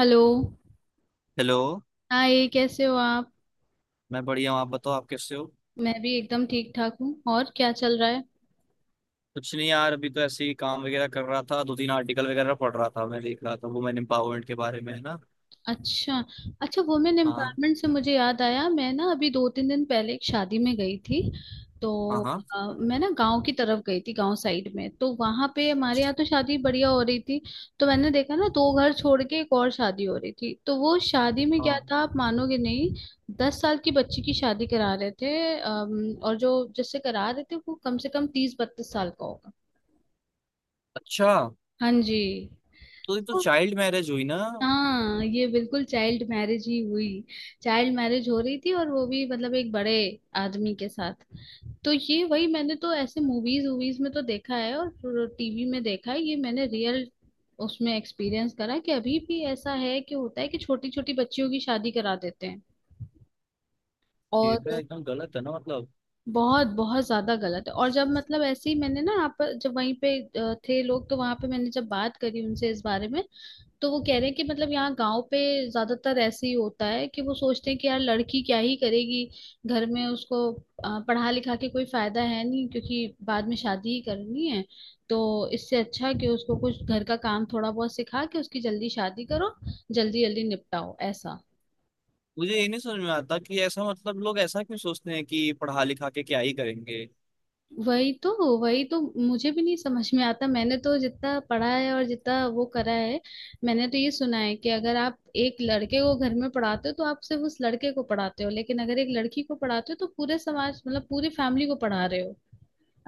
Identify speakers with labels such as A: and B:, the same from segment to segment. A: Hello.
B: Hello.
A: Hi, कैसे हो आप?
B: मैं बढ़िया हूँ, आप बताओ आप कैसे हो।
A: मैं भी एकदम ठीक ठाक हूँ। और क्या चल रहा है?
B: कुछ नहीं यार, अभी तो ऐसे ही काम वगैरह कर रहा था, 2-3 आर्टिकल वगैरह पढ़ रहा था, मैं देख रहा था वुमेन एम्पावरमेंट के बारे में है ना।
A: अच्छा। अच्छा, वुमेन
B: हाँ,
A: एम्पावरमेंट से मुझे याद आया, मैं ना अभी 2-3 दिन पहले एक शादी में गई थी। तो
B: हाँ, हाँ।
A: मैं ना गांव की तरफ गई थी। गांव साइड में, तो वहां पे हमारे
B: अच्छा,
A: यहाँ तो शादी बढ़िया हो रही थी। तो मैंने देखा ना, दो घर छोड़ के एक और शादी हो रही थी। तो वो शादी में क्या
B: हाँ,
A: था, आप मानोगे नहीं। 10 साल की बच्ची की शादी करा रहे थे और जो जिससे करा रहे थे वो कम से कम 30-32 साल का होगा।
B: अच्छा।
A: हाँ जी।
B: तो ये तो चाइल्ड मैरिज हुई ना।
A: हाँ, ये बिल्कुल चाइल्ड मैरिज ही हुई। चाइल्ड मैरिज हो रही थी, और वो भी मतलब एक बड़े आदमी के साथ। तो ये वही, मैंने तो ऐसे मूवीज वूवीज में तो देखा है और टीवी में देखा है। ये मैंने रियल उसमें एक्सपीरियंस करा कि अभी भी ऐसा है, कि होता है कि छोटी छोटी बच्चियों की शादी करा देते हैं।
B: ये तो
A: और
B: एकदम गलत है ना। मतलब
A: बहुत बहुत ज्यादा गलत है। और जब मतलब ऐसे ही मैंने ना, आप जब वहीं पे थे लोग, तो वहां पे मैंने जब बात करी उनसे इस बारे में। तो वो कह रहे हैं कि मतलब यहाँ गांव पे ज्यादातर ऐसे ही होता है कि वो सोचते हैं कि यार लड़की क्या ही करेगी। घर में उसको पढ़ा लिखा के कोई फायदा है नहीं, क्योंकि बाद में शादी ही करनी है। तो इससे अच्छा है कि उसको कुछ घर का काम थोड़ा बहुत सिखा के उसकी जल्दी शादी करो। जल्दी जल्दी निपटाओ, ऐसा।
B: मुझे ये नहीं समझ में आता कि ऐसा मतलब लोग ऐसा क्यों सोचते हैं कि पढ़ा लिखा के क्या ही करेंगे।
A: वही तो। वही तो। मुझे भी नहीं समझ में आता। मैंने तो जितना पढ़ा है और जितना वो करा है, मैंने तो ये सुना है कि अगर आप एक लड़के को घर में पढ़ाते हो तो आप सिर्फ उस लड़के को पढ़ाते हो, लेकिन अगर एक लड़की को पढ़ाते हो तो पूरे समाज मतलब पूरी फैमिली को पढ़ा रहे हो।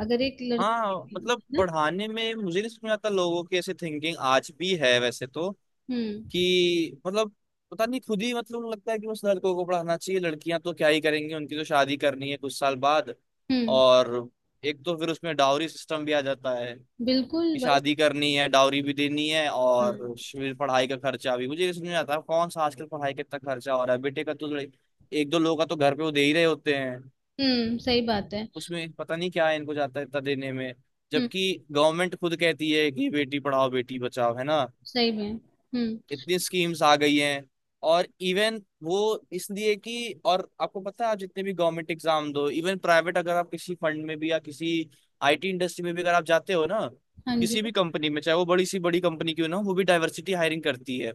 A: अगर एक
B: हाँ,
A: लड़की
B: मतलब
A: है ना।
B: पढ़ाने में, मुझे नहीं समझ में आता लोगों की ऐसे थिंकिंग आज भी है वैसे तो।
A: हम्म।
B: कि मतलब पता नहीं खुद ही मतलब लगता है कि बस लड़कों को पढ़ाना चाहिए, लड़कियां तो क्या ही करेंगी, उनकी तो शादी करनी है कुछ साल बाद।
A: हम्म।
B: और एक तो फिर उसमें डाउरी सिस्टम भी आ जाता है
A: बिल्कुल
B: कि
A: वही।
B: शादी करनी है, डाउरी भी देनी है, और
A: हम्म।
B: फिर पढ़ाई का खर्चा भी मुझे ये समझ में आता है। कौन सा आजकल पढ़ाई का इतना खर्चा हो रहा है, बेटे का तो एक दो लोग का तो घर पे वो दे ही रहे होते हैं।
A: हम्म। सही बात है।
B: उसमें पता नहीं क्या है इनको जाता है इतना देने में।
A: हम्म।
B: जबकि गवर्नमेंट खुद कहती है कि बेटी पढ़ाओ बेटी बचाओ है ना।
A: सही में। हम्म।
B: इतनी स्कीम्स आ गई हैं। और इवन वो इसलिए कि और आपको पता है आप जितने भी गवर्नमेंट एग्जाम दो, इवन प्राइवेट, अगर आप किसी फंड में भी या किसी आईटी इंडस्ट्री में भी अगर आप जाते हो ना,
A: हाँ जी।
B: किसी भी कंपनी में चाहे वो बड़ी सी बड़ी कंपनी क्यों ना हो, वो भी डाइवर्सिटी हायरिंग करती है।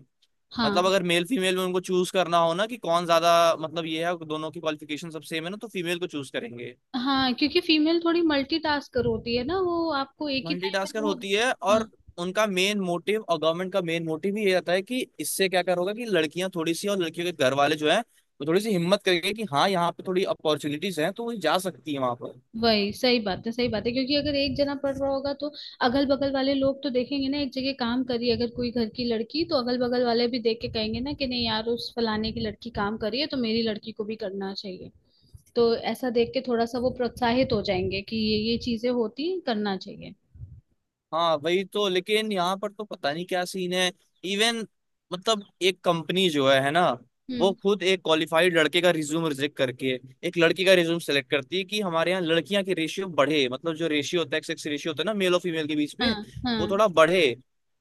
B: मतलब
A: हाँ
B: अगर मेल फीमेल में उनको चूज करना हो ना कि कौन ज्यादा, मतलब ये है दोनों की क्वालिफिकेशन सब सेम है ना, तो फीमेल को चूज करेंगे।
A: हाँ। क्योंकि फीमेल थोड़ी मल्टीटास्कर होती है ना, वो आपको एक ही टाइम पे ना
B: मल्टीटास्कर
A: वो।
B: होती है और
A: हाँ।
B: उनका मेन मोटिव और गवर्नमेंट का मेन मोटिव ही ये रहता है कि इससे क्या करोगे कि लड़कियां थोड़ी सी और लड़कियों के घर वाले जो है वो थोड़ी सी हिम्मत करेंगे कि हाँ यहाँ पे थोड़ी अपॉर्चुनिटीज हैं तो वो जा सकती है वहां पर।
A: वही। सही बात है। सही बात है। क्योंकि अगर एक जना पढ़ रहा होगा, तो अगल बगल वाले लोग तो देखेंगे ना, एक जगह काम करी अगर कोई घर की लड़की, तो अगल बगल वाले भी देख के कहेंगे ना कि नहीं यार उस फलाने की लड़की काम कर रही है, तो मेरी लड़की को भी करना चाहिए। तो ऐसा देख के थोड़ा सा वो प्रोत्साहित हो जाएंगे कि ये चीजें होती हैं, करना चाहिए।
B: हाँ वही तो, लेकिन यहाँ पर तो पता नहीं क्या सीन है। इवन मतलब एक कंपनी जो है ना, वो
A: हम्म।
B: खुद एक क्वालिफाइड लड़के का रिज्यूम रिजेक्ट करके एक लड़की का रिज्यूम सेलेक्ट करती है कि हमारे यहाँ लड़कियां के रेशियो बढ़े, मतलब जो रेशियो होता है सेक्स रेशियो होता है ना मेल और फीमेल के बीच में,
A: हाँ
B: वो
A: हाँ।
B: थोड़ा बढ़े।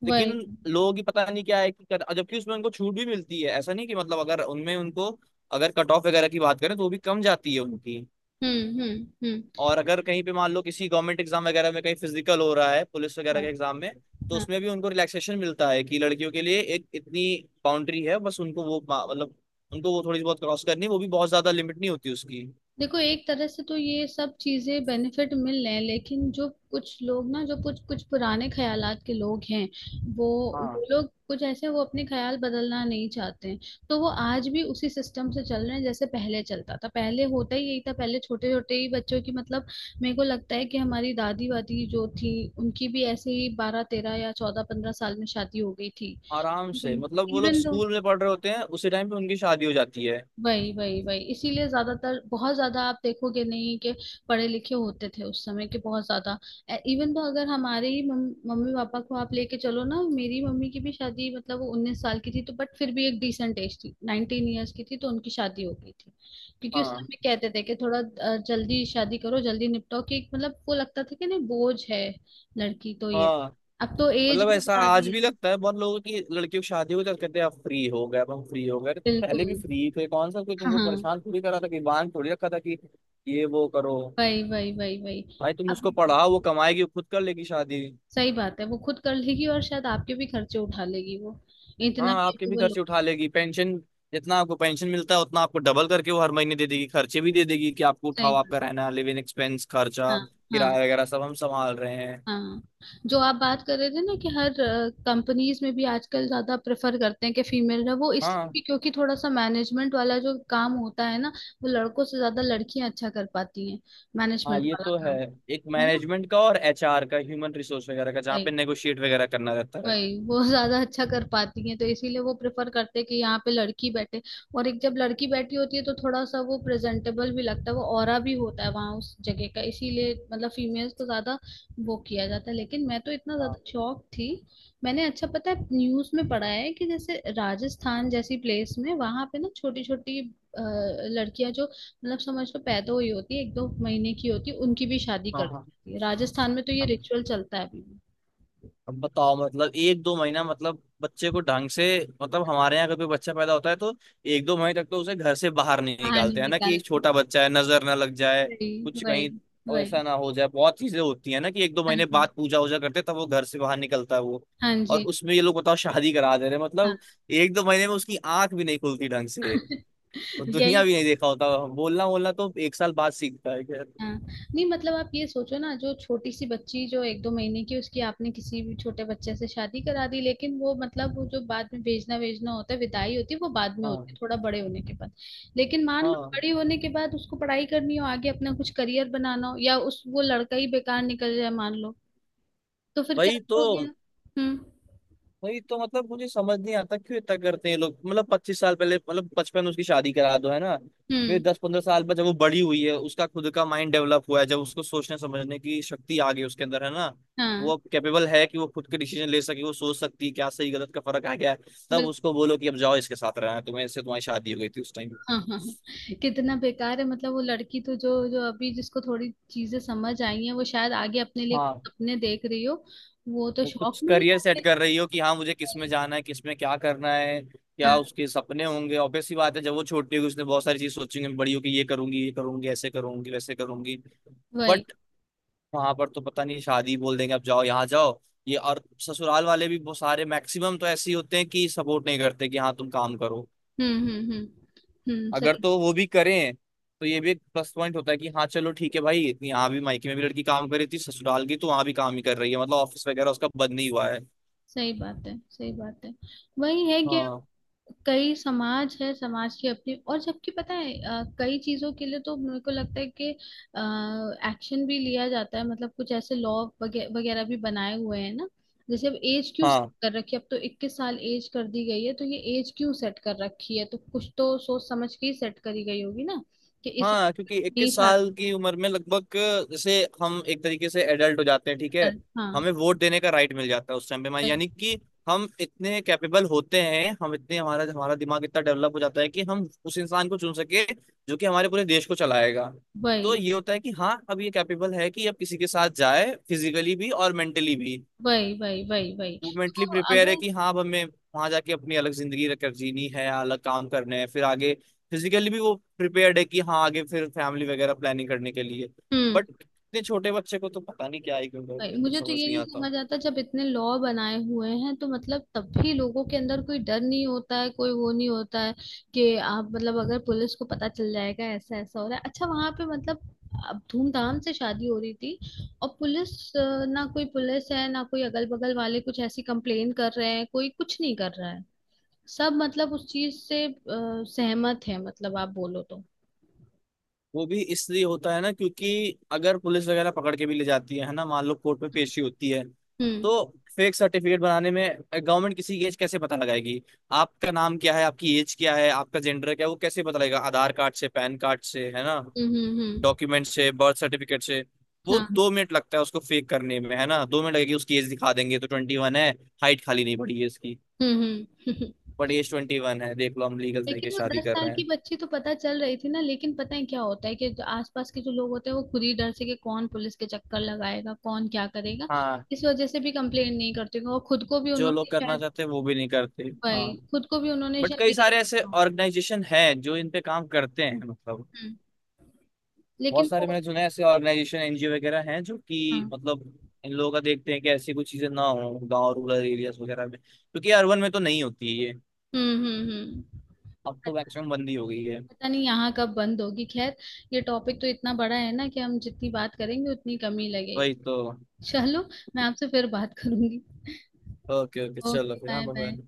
B: लेकिन
A: वही।
B: लोगों की पता नहीं क्या है कि जबकि उसमें उनको छूट भी मिलती है, ऐसा नहीं कि मतलब अगर उनमें उनको अगर कट ऑफ वगैरह की बात करें तो वो भी कम जाती है उनकी।
A: हम्म। हम्म। हम्म।
B: और अगर कहीं पे मान लो किसी गवर्नमेंट एग्जाम वगैरह में कहीं फिजिकल हो रहा है पुलिस वगैरह
A: हाँ
B: के एग्जाम में, तो
A: हाँ।
B: उसमें भी उनको रिलैक्सेशन मिलता है कि लड़कियों के लिए एक इतनी बाउंड्री है, बस उनको वो मतलब उनको वो थोड़ी बहुत क्रॉस करनी है, वो भी बहुत ज्यादा लिमिट नहीं होती उसकी।
A: देखो, एक तरह से तो ये सब चीजें बेनिफिट मिल रहे हैं, लेकिन जो कुछ लोग ना, जो कुछ कुछ पुराने ख्यालात के लोग हैं वो
B: हाँ,
A: वो लोग कुछ ऐसे हैं, वो अपने ख्याल बदलना नहीं चाहते हैं। तो वो आज भी उसी सिस्टम से चल रहे हैं, जैसे पहले चलता था, पहले होता ही यही था, पहले छोटे छोटे ही बच्चों की मतलब। मेरे को लगता है कि हमारी दादी वादी जो थी, उनकी भी ऐसे ही 12-13 या 14-15 साल में शादी हो गई थी।
B: आराम से
A: इवन।
B: मतलब वो लोग
A: इवन दो।
B: स्कूल में पढ़ रहे होते हैं उसी टाइम पे उनकी शादी हो जाती है।
A: वही वही वही, इसीलिए ज्यादातर बहुत ज्यादा आप देखोगे नहीं कि पढ़े लिखे होते थे उस समय के, बहुत ज्यादा। इवन, तो अगर हमारे ही मम्मी पापा को आप लेके चलो ना, मेरी मम्मी की भी शादी मतलब वो 19 साल की थी, तो बट फिर भी एक डिसेंट एज थी, 19 ईयर्स की थी, तो उनकी शादी हो गई थी। क्योंकि उस
B: हाँ,
A: समय कहते थे कि थोड़ा जल्दी शादी करो, जल्दी निपटाओ कि एक मतलब वो लगता था कि नहीं बोझ है। लड़की तो ये,
B: हाँ,
A: अब तो एज
B: मतलब
A: भी
B: ऐसा
A: बढ़ा
B: आज
A: दी
B: भी
A: है।
B: लगता है बहुत लोगों की लड़कियों की शादी हो जाती, कहते हैं आप फ्री हो गए अब हम फ्री हो गए। अरे तुम पहले भी
A: बिल्कुल।
B: फ्री थे, कौन सा कोई
A: हाँ
B: तुमको
A: हाँ।
B: परेशान थोड़ी करा था कि बांध थोड़ी रखा था कि ये वो करो।
A: वही वही वही वही।
B: भाई तुम
A: अब
B: उसको पढ़ाओ, वो कमाएगी वो खुद कर लेगी शादी।
A: सही बात है, वो खुद कर लेगी और शायद आपके भी खर्चे उठा लेगी। वो इतना
B: हाँ, आपके भी
A: कैपेबल हो।
B: खर्चे उठा लेगी, पेंशन जितना आपको पेंशन मिलता है उतना आपको डबल करके वो हर महीने दे देगी, खर्चे भी दे देगी कि आपको
A: सही
B: उठाओ
A: बात।
B: आपका रहना लिविंग एक्सपेंस खर्चा,
A: हाँ। हाँ।
B: किराया वगैरह सब हम संभाल रहे हैं।
A: हाँ, जो आप बात कर रहे थे ना कि हर कंपनीज में भी आजकल ज्यादा प्रेफर करते हैं कि फीमेल है वो, इसलिए
B: हाँ,
A: भी क्योंकि थोड़ा सा मैनेजमेंट वाला जो काम होता है ना, वो लड़कों से ज्यादा लड़कियां अच्छा कर पाती हैं।
B: हाँ,
A: मैनेजमेंट
B: ये
A: वाला
B: तो है।
A: काम
B: एक
A: है
B: मैनेजमेंट का और एचआर का ह्यूमन रिसोर्स वगैरह का जहाँ
A: ना।
B: पे नेगोशिएट वगैरह करना रहता है।
A: वही वो ज्यादा अच्छा कर पाती हैं, तो इसीलिए वो प्रेफर करते हैं कि यहाँ पे लड़की बैठे। और एक जब लड़की बैठी होती है तो थोड़ा सा वो प्रेजेंटेबल भी लगता है, वो ऑरा भी होता है वहां उस जगह का, इसीलिए मतलब फीमेल्स को ज्यादा वो किया जाता है। लेकिन मैं तो इतना
B: हाँ,
A: ज्यादा शौक थी, मैंने अच्छा पता है न्यूज में पढ़ा है कि जैसे राजस्थान जैसी प्लेस में वहां पे ना, छोटी छोटी लड़कियां जो मतलब समझ लो पैदा हुई होती है, 1-2 महीने की होती है, उनकी भी शादी
B: हाँ।
A: कर
B: हाँ,
A: देती है राजस्थान में, तो ये
B: हाँ।
A: रिचुअल चलता है अभी भी।
B: अब बताओ मतलब 1-2 महीना मतलब बच्चे को ढंग से, मतलब हमारे यहाँ कभी बच्चा पैदा होता है तो 1-2 महीने तक तो उसे घर से बाहर नहीं
A: कहानी
B: निकालते, है ना कि
A: निकाल।
B: एक छोटा बच्चा है नजर ना लग जाए
A: वही,
B: कुछ
A: वही,
B: कहीं,
A: वही।
B: ऐसा ना हो जाए, बहुत चीजें होती है ना कि एक दो
A: हाँ
B: महीने
A: जी,
B: बाद पूजा वूजा करते तब वो घर से बाहर निकलता है वो।
A: हाँ
B: और
A: जी,
B: उसमें ये लोग बताओ शादी करा दे रहे हैं।
A: हाँ।
B: मतलब 1-2 महीने में उसकी आंख भी नहीं खुलती ढंग से, और दुनिया
A: यही।
B: भी नहीं देखा होता, बोलना बोलना तो 1 साल बाद सीखता है, खैर।
A: हाँ। नहीं मतलब आप ये सोचो ना, जो छोटी सी बच्ची जो 1-2 महीने की, उसकी आपने किसी भी छोटे बच्चे से शादी करा दी, लेकिन वो मतलब वो जो बाद में भेजना भेजना होता है, विदाई होती है, वो बाद में होती
B: हाँ,
A: है थोड़ा बड़े होने के बाद। लेकिन मान लो
B: हाँ,
A: बड़ी होने के बाद उसको पढ़ाई करनी हो आगे, अपना कुछ करियर बनाना हो, या उस वो लड़का ही बेकार निकल जाए मान लो, तो फिर क्या
B: वही तो,
A: करोगे आप? हम्म।
B: वही तो। मतलब मुझे समझ नहीं आता क्यों इतना करते हैं लोग। मतलब 25 साल पहले मतलब बचपन में उसकी शादी करा दो है ना, फिर
A: हम्म।
B: 10-15 साल बाद जब वो बड़ी हुई है, उसका खुद का माइंड डेवलप हुआ है, जब उसको सोचने समझने की शक्ति आ गई उसके अंदर है ना, वो
A: हाँ
B: अब कैपेबल है कि वो खुद के डिसीजन ले सके, वो सोच सकती है क्या सही गलत का फर्क आ गया है, तब उसको बोलो कि अब जाओ इसके साथ रहना है तुम्हें, इससे तुम्हारी शादी हो गई थी उस टाइम।
A: हाँ हाँ। हाँ। कितना बेकार है, मतलब वो लड़की तो जो जो अभी जिसको थोड़ी चीजें समझ आई हैं वो शायद आगे अपने लिए
B: हाँ,
A: सपने देख रही हो, वो तो
B: वो
A: शौक
B: कुछ
A: में ही
B: करियर सेट
A: आके।
B: कर रही हो कि हाँ मुझे किस में जाना है, किस में क्या करना है, क्या
A: हाँ।
B: उसके सपने होंगे, ऑब्वियस सी बात है, जब वो छोटी होगी उसने बहुत सारी चीज सोचेंगे बड़ी होगी ये करूंगी ऐसे करूंगी वैसे करूंगी।
A: वही।
B: बट वहां पर तो पता नहीं शादी बोल देंगे अब जाओ यहाँ जाओ ये, और ससुराल वाले भी बहुत सारे मैक्सिमम तो ऐसे ही होते हैं कि सपोर्ट नहीं करते कि हाँ तुम काम करो।
A: हम्म। हम्म। हम्म। हम्म।
B: अगर
A: सही।
B: तो वो भी करें तो ये भी एक प्लस पॉइंट होता है कि हाँ चलो ठीक है भाई यहाँ भी मायके में भी लड़की काम कर रही थी, ससुराल की तो वहां भी काम ही कर रही है, मतलब ऑफिस वगैरह उसका बंद नहीं हुआ है।
A: सही बात है। सही बात है। वही है कि
B: हाँ,
A: कई समाज है समाज की अपनी, और जबकि पता है कई चीजों के लिए तो मेरे को लगता है कि एक्शन भी लिया जाता है, मतलब कुछ ऐसे लॉ वगैरह भी बनाए हुए हैं ना। जैसे अब एज क्यों set
B: हाँ,
A: कर रखी है, अब तो 21 साल एज कर दी गई है, तो ये एज क्यों सेट कर रखी है, तो कुछ तो सोच समझ के ही सेट करी गई होगी ना कि इस।
B: हाँ, क्योंकि
A: नहीं,
B: 21 साल की
A: शादी
B: उम्र में लगभग जैसे हम एक तरीके से एडल्ट हो जाते हैं, ठीक है,
A: हाँ।
B: हमें वोट देने का राइट मिल जाता है उस टाइम पे हमारे,
A: वही
B: यानी कि हम इतने कैपेबल होते हैं, हम इतने, हमारा हमारा दिमाग इतना डेवलप हो जाता है कि हम उस इंसान को चुन सके जो कि हमारे पूरे देश को चलाएगा। तो
A: वही
B: ये होता है कि हाँ अब ये कैपेबल है कि अब किसी के साथ जाए फिजिकली भी और मेंटली भी,
A: वही वही। वही वही।
B: वो मेंटली
A: तो
B: प्रिपेयर है
A: अगर।
B: कि हाँ अब हमें वहां जाके अपनी अलग जिंदगी रख जीनी है, अलग काम करने हैं फिर आगे, फिजिकली भी वो प्रिपेयर्ड है कि हाँ आगे फिर फैमिली वगैरह प्लानिंग करने के लिए।
A: हम्म।
B: बट इतने छोटे बच्चे को तो पता नहीं क्या ही क्यों करते
A: नहीं,
B: हैं,
A: मुझे तो
B: समझ
A: ये
B: नहीं
A: नहीं
B: आता।
A: समझ आता, जब इतने लॉ बनाए हुए हैं तो मतलब तब भी लोगों के अंदर कोई डर नहीं होता है, कोई वो नहीं होता है कि आप मतलब अगर पुलिस को पता चल जाएगा ऐसा ऐसा हो रहा है। अच्छा वहां पे मतलब अब धूमधाम से शादी हो रही थी, और पुलिस ना कोई पुलिस है, ना कोई अगल बगल वाले कुछ ऐसी कंप्लेन कर रहे हैं, कोई कुछ नहीं कर रहा है, सब मतलब उस चीज से सहमत है, मतलब आप बोलो तो।
B: वो भी इसलिए होता है ना, क्योंकि अगर पुलिस वगैरह पकड़ के भी ले जाती है ना, मान लो कोर्ट में पेशी होती है,
A: हम्म।
B: तो फेक सर्टिफिकेट बनाने में गवर्नमेंट किसी की एज कैसे पता लगाएगी। आपका नाम क्या है, आपकी एज क्या है, आपका जेंडर क्या है, वो कैसे पता लगेगा, आधार कार्ड से, पैन कार्ड से है ना,
A: हम्म। हम्म। हम्म।
B: डॉक्यूमेंट से, बर्थ सर्टिफिकेट से। वो
A: हाँ।
B: 2 मिनट लगता है उसको फेक करने में है ना, 2 मिनट लगेगी, उसकी एज दिखा देंगे तो 21 है, हाइट खाली नहीं पड़ी है इसकी,
A: हम्म। हम्म।
B: बट एज 21 है देख लो हम लीगल तरीके
A: लेकिन
B: से
A: वो
B: शादी
A: दस
B: कर
A: साल
B: रहे
A: की
B: हैं।
A: बच्ची तो पता चल रही थी ना। लेकिन पता है क्या होता है कि जो आसपास के जो लोग होते हैं वो खुद ही डर से कि कौन पुलिस के चक्कर लगाएगा, कौन क्या करेगा,
B: हाँ,
A: इस वजह से भी कंप्लेन नहीं करते होंगे, और खुद को भी
B: जो
A: उन्होंने
B: लोग करना
A: शायद,
B: चाहते हैं वो भी नहीं करते। हाँ,
A: भाई खुद को भी उन्होंने
B: बट
A: शायद
B: कई
A: यही
B: सारे ऐसे
A: कहा होगा।
B: ऑर्गेनाइजेशन हैं जो इन पे काम करते हैं, मतलब
A: हम्म।
B: बहुत
A: लेकिन
B: सारे
A: वो,
B: मैंने सुने हैं ऐसे ऑर्गेनाइजेशन एनजीओ वगैरह हैं जो कि
A: हाँ।
B: मतलब इन लोगों का देखते हैं कि ऐसी कुछ चीजें ना हो गांव रूरल एरियाज वगैरह में, क्योंकि अर्बन में तो नहीं होती है ये,
A: हम्म। हम्म। हम्म।
B: अब तो
A: पता,
B: मैक्सिमम बंदी हो गई है।
A: पता नहीं यहाँ कब बंद होगी, खैर। ये टॉपिक तो इतना बड़ा है ना, कि हम जितनी बात करेंगे उतनी कमी लगेगी।
B: वही तो।
A: चलो, मैं आपसे फिर बात करूंगी।
B: ओके ओके, चलो
A: ओके।
B: फिर, हाँ,
A: बाय
B: बाय।
A: बाय।